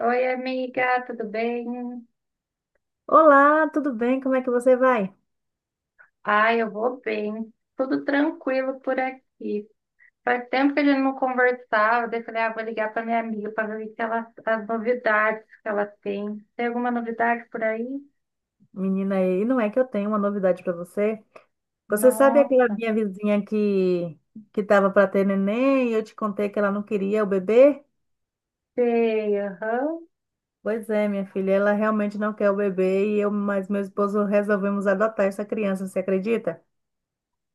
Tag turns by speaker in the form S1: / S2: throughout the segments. S1: Oi, amiga, tudo bem?
S2: Olá, tudo bem? Como é que você vai?
S1: Ai, eu vou bem. Tudo tranquilo por aqui. Faz tempo que a gente não conversava, daí eu falei, ah, vou ligar para minha amiga para ver o que ela, as novidades que ela tem. Tem alguma novidade por aí?
S2: Menina, e não é que eu tenho uma novidade para você. Você sabe aquela
S1: Nossa,
S2: minha vizinha que estava para ter neném e eu te contei que ela não queria o bebê?
S1: sei, aham.
S2: Pois é, minha filha, ela realmente não quer o bebê e eu, mas meu esposo resolvemos adotar essa criança, você acredita?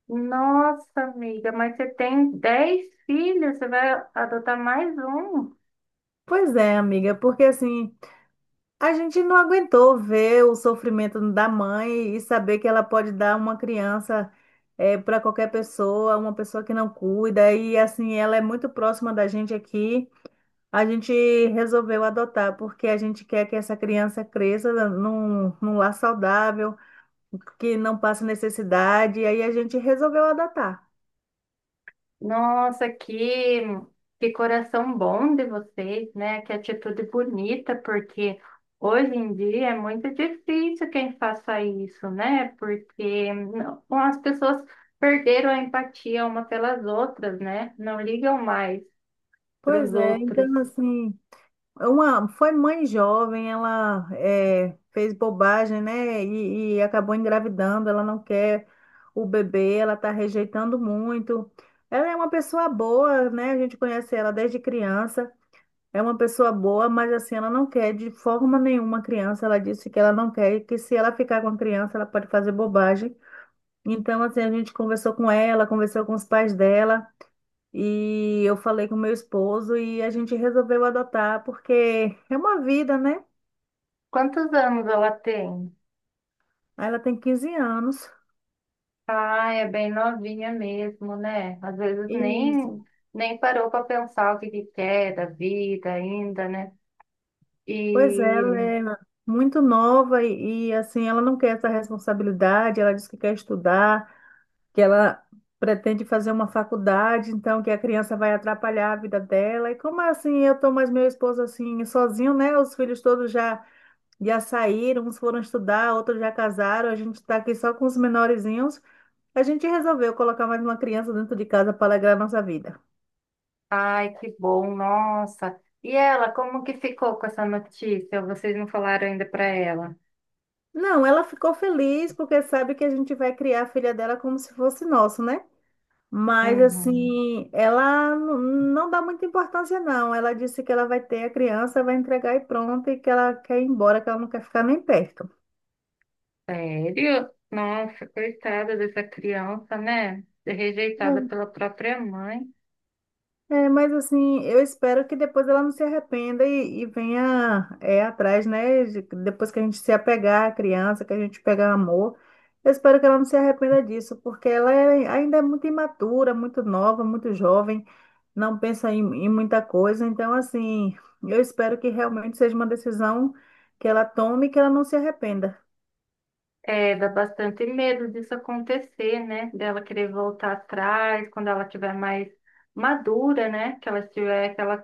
S1: Nossa, amiga, mas você tem 10 filhos, você vai adotar mais um?
S2: Pois é, amiga, porque assim, a gente não aguentou ver o sofrimento da mãe e saber que ela pode dar uma criança para qualquer pessoa, uma pessoa que não cuida. E assim, ela é muito próxima da gente aqui. A gente resolveu adotar, porque a gente quer que essa criança cresça num lar saudável, que não passe necessidade. E aí a gente resolveu adotar.
S1: Nossa, que coração bom de vocês, né? Que atitude bonita, porque hoje em dia é muito difícil quem faça isso, né? Porque não- as pessoas perderam a empatia uma pelas outras, né? Não ligam mais para
S2: Pois
S1: os
S2: é, então
S1: outros.
S2: assim. Uma, foi mãe jovem, ela é, fez bobagem, né? E acabou engravidando. Ela não quer o bebê, ela está rejeitando muito. Ela é uma pessoa boa, né? A gente conhece ela desde criança. É uma pessoa boa, mas assim, ela não quer de forma nenhuma a criança. Ela disse que ela não quer e que se ela ficar com a criança, ela pode fazer bobagem. Então, assim, a gente conversou com ela, conversou com os pais dela. E eu falei com meu esposo e a gente resolveu adotar, porque é uma vida, né?
S1: Quantos anos ela tem?
S2: Ela tem 15 anos.
S1: Ah, é bem novinha mesmo, né? Às vezes
S2: E,
S1: nem parou para pensar o que que quer da vida ainda, né?
S2: pois é, ela
S1: E
S2: é muito nova assim, ela não quer essa responsabilidade, ela diz que quer estudar, que ela pretende fazer uma faculdade, então que a criança vai atrapalhar a vida dela. E como assim, eu tô mais meu esposo assim, sozinho, né? Os filhos todos já saíram, uns foram estudar, outros já casaram, a gente tá aqui só com os menorzinhos. A gente resolveu colocar mais uma criança dentro de casa para alegrar nossa vida.
S1: ai, que bom, nossa. E ela, como que ficou com essa notícia? Vocês não falaram ainda para ela?
S2: Não, ela ficou feliz porque sabe que a gente vai criar a filha dela como se fosse nosso, né? Mas
S1: Uhum.
S2: assim, ela n- não dá muita importância, não. Ela disse que ela vai ter a criança, vai entregar e pronto, e que ela quer ir embora, que ela não quer ficar nem perto.
S1: Sério? Nossa, coitada dessa criança, né? Rejeitada pela própria mãe.
S2: É, mas assim, eu espero que depois ela não se arrependa venha é, atrás, né? Depois que a gente se apegar à criança, que a gente pegar amor, eu espero que ela não se arrependa disso, porque ainda é muito imatura, muito nova, muito jovem, não pensa em muita coisa. Então, assim, eu espero que realmente seja uma decisão que ela tome e que ela não se arrependa.
S1: É, dá bastante medo disso acontecer, né? Dela querer voltar atrás quando ela tiver mais madura, né? Que ela tiver, que ela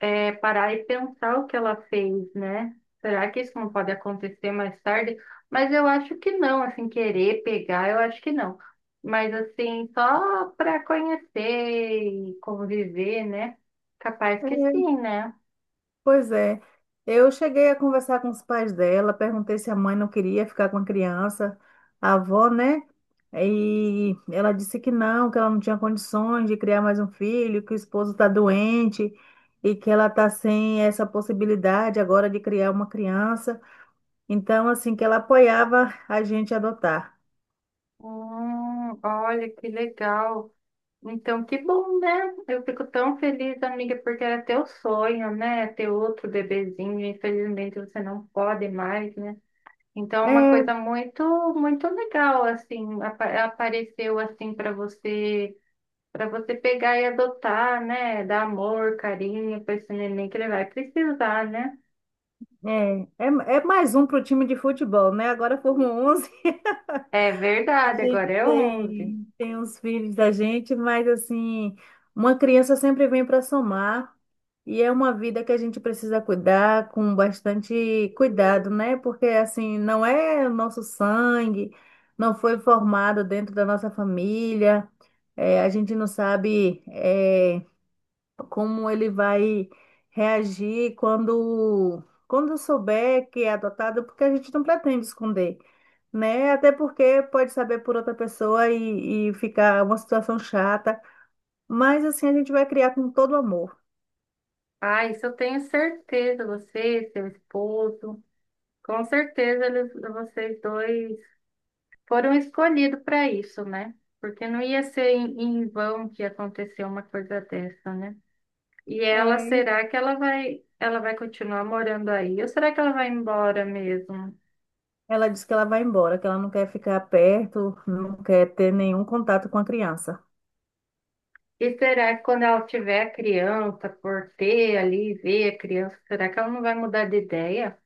S1: é, parar e pensar o que ela fez, né? Será que isso não pode acontecer mais tarde? Mas eu acho que não, assim, querer pegar, eu acho que não. Mas assim, só para conhecer e conviver, né? Capaz que sim, né?
S2: Pois é. Eu cheguei a conversar com os pais dela, perguntei se a mãe não queria ficar com a criança, a avó, né? E ela disse que não, que ela não tinha condições de criar mais um filho, que o esposo está doente e que ela está sem essa possibilidade agora de criar uma criança. Então, assim, que ela apoiava a gente adotar.
S1: Olha que legal. Então, que bom, né? Eu fico tão feliz, amiga, porque era teu sonho, né? Ter outro bebezinho. Infelizmente, você não pode mais, né? Então, é uma coisa
S2: É,
S1: muito legal, assim, apa- apareceu assim para você pegar e adotar, né? Dar amor, carinho para esse neném que ele vai precisar, né?
S2: é, é, é, mais um para o time de futebol, né? Agora formou 11.
S1: É
S2: A
S1: verdade,
S2: gente
S1: agora é 11.
S2: tem os filhos da gente, mas assim, uma criança sempre vem para somar e é uma vida que a gente precisa cuidar com bastante cuidado, né? Porque assim, não é o nosso sangue, não foi formado dentro da nossa família, é, a gente não sabe, é, como ele vai reagir quando souber que é adotado, porque a gente não pretende esconder, né? Até porque pode saber por outra pessoa ficar uma situação chata. Mas assim, a gente vai criar com todo amor.
S1: Ah, isso eu tenho certeza, você, seu esposo, com certeza eles, vocês dois foram escolhidos para isso, né? Porque não ia ser em vão que aconteceu uma coisa dessa, né? E ela,
S2: É,
S1: será que ela vai continuar morando aí? Ou será que ela vai embora mesmo?
S2: ela disse que ela vai embora, que ela não quer ficar perto, não quer ter nenhum contato com a criança.
S1: E será que quando ela tiver a criança, por ter ali, ver a criança, será que ela não vai mudar de ideia?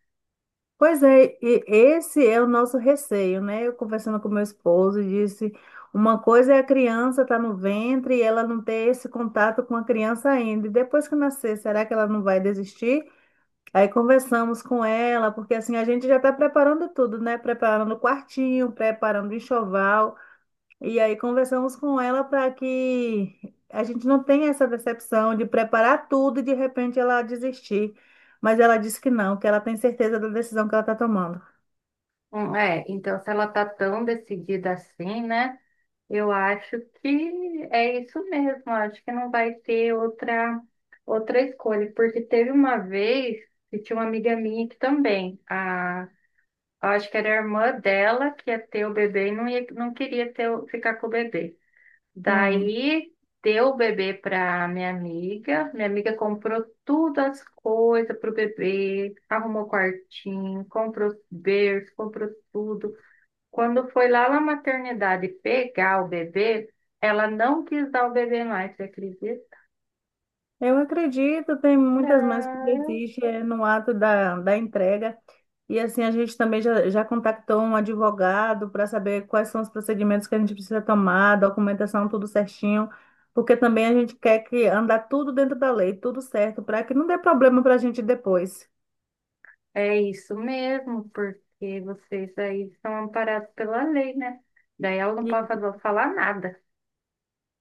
S2: Pois é, e esse é o nosso receio, né? Eu conversando com meu esposo, disse, uma coisa é a criança estar no ventre e ela não ter esse contato com a criança ainda. E depois que nascer, será que ela não vai desistir? Aí conversamos com ela, porque assim a gente já está preparando tudo, né? Preparando o quartinho, preparando o enxoval. E aí conversamos com ela para que a gente não tenha essa decepção de preparar tudo e de repente ela desistir. Mas ela disse que não, que ela tem certeza da decisão que ela está tomando.
S1: É, então se ela tá tão decidida assim, né? Eu acho que é isso mesmo. Eu acho que não vai ter outra escolha. Porque teve uma vez que tinha uma amiga minha que também, a eu acho que era a irmã dela que ia ter o bebê e não, ia, não queria ter, o- ficar com o bebê.
S2: Sim.
S1: Daí deu o bebê para minha amiga. Minha amiga comprou todas as coisas pro bebê, arrumou quartinho, comprou berço, comprou tudo. Quando foi lá na maternidade pegar o bebê, ela não quis dar o bebê mais, você acredita?
S2: Eu acredito, tem muitas mães que desistem é, no ato da entrega. E assim, a gente também já contactou um advogado para saber quais são os procedimentos que a gente precisa tomar, documentação, tudo certinho, porque também a gente quer que andar tudo dentro da lei, tudo certo, para que não dê problema para a gente depois.
S1: É isso mesmo, porque vocês aí são amparados pela lei, né? Daí ela não pode
S2: E,
S1: fazer, falar nada.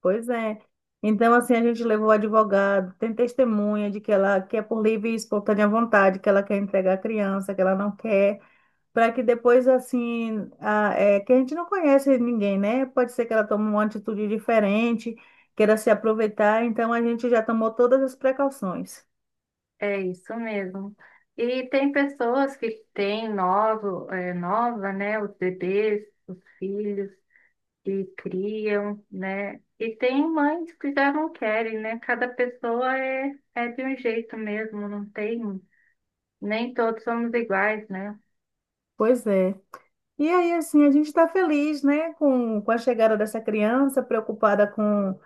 S2: pois é. Então, assim, a gente levou o advogado, tem testemunha de que ela quer por livre e espontânea vontade, que ela quer entregar a criança, que ela não quer. Para que depois, assim, que a gente não conhece ninguém, né? Pode ser que ela tome uma atitude diferente, queira se aproveitar, então a gente já tomou todas as precauções.
S1: É isso mesmo. E tem pessoas que têm novo, é, nova, né? Os bebês, os filhos, e criam, né? E tem mães que já não querem, né? Cada pessoa é de um jeito mesmo, não tem. Nem todos somos iguais, né?
S2: Pois é. E aí, assim, a gente está feliz, né, com a chegada dessa criança, preocupada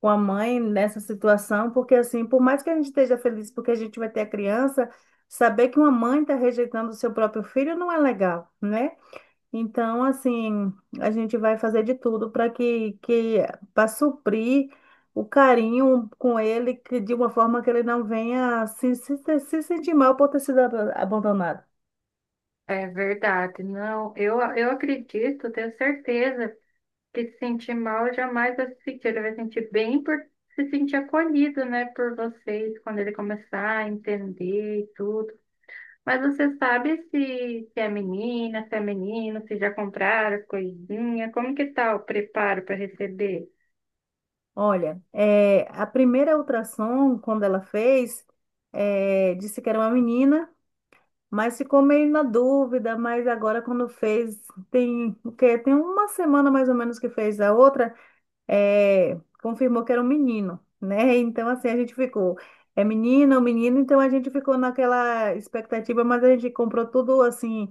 S2: com a mãe nessa situação, porque, assim, por mais que a gente esteja feliz porque a gente vai ter a criança, saber que uma mãe está rejeitando o seu próprio filho não é legal, né? Então, assim, a gente vai fazer de tudo para que, que para suprir o carinho com ele, que de uma forma que ele não venha se sentir mal por ter sido abandonado.
S1: É verdade. Não, eu acredito, tenho certeza que se sentir mal jamais vai se sentir, ele vai sentir bem por se sentir acolhido, né, por vocês, quando ele começar a entender e tudo. Mas você sabe se é menina, se é menino, se já compraram as coisinhas, como que tá o preparo para receber?
S2: Olha, é, a primeira ultrassom, quando ela fez, é, disse que era uma menina, mas ficou meio na dúvida, mas agora quando fez, tem o quê? Tem uma semana mais ou menos que fez a outra. É, confirmou que era um menino, né? Então, assim, a gente ficou, é menina ou menino, então a gente ficou naquela expectativa, mas a gente comprou tudo, assim,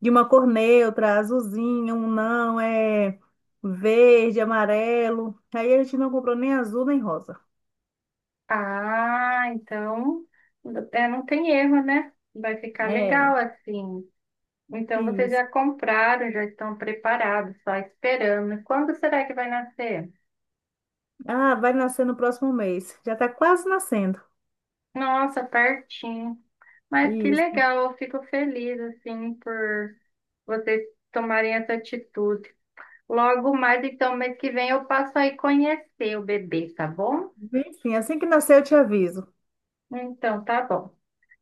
S2: de uma cor neutra, azulzinho, um não, é verde, amarelo. Aí a gente não comprou nem azul nem rosa.
S1: Ah, então é, não tem erro, né? Vai ficar
S2: É,
S1: legal assim. Então vocês já
S2: isso.
S1: compraram, já estão preparados, só esperando. Quando será que vai nascer?
S2: Ah, vai nascer no próximo mês. Já tá quase nascendo.
S1: Nossa, pertinho. Mas que
S2: Isso.
S1: legal, eu fico feliz assim por vocês tomarem essa atitude. Logo mais, então, mês que vem eu passo aí conhecer o bebê, tá bom?
S2: Enfim, assim que nascer eu te aviso.
S1: Então, tá bom.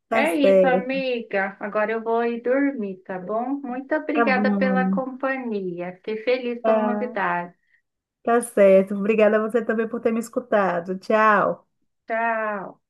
S2: Tá
S1: É isso,
S2: certo.
S1: amiga. Agora eu vou ir dormir, tá bom? Muito
S2: Tá
S1: obrigada pela
S2: bom.
S1: companhia. Fiquei feliz pela
S2: Tá.
S1: novidade.
S2: Tá certo. Obrigada a você também por ter me escutado. Tchau.
S1: Tchau.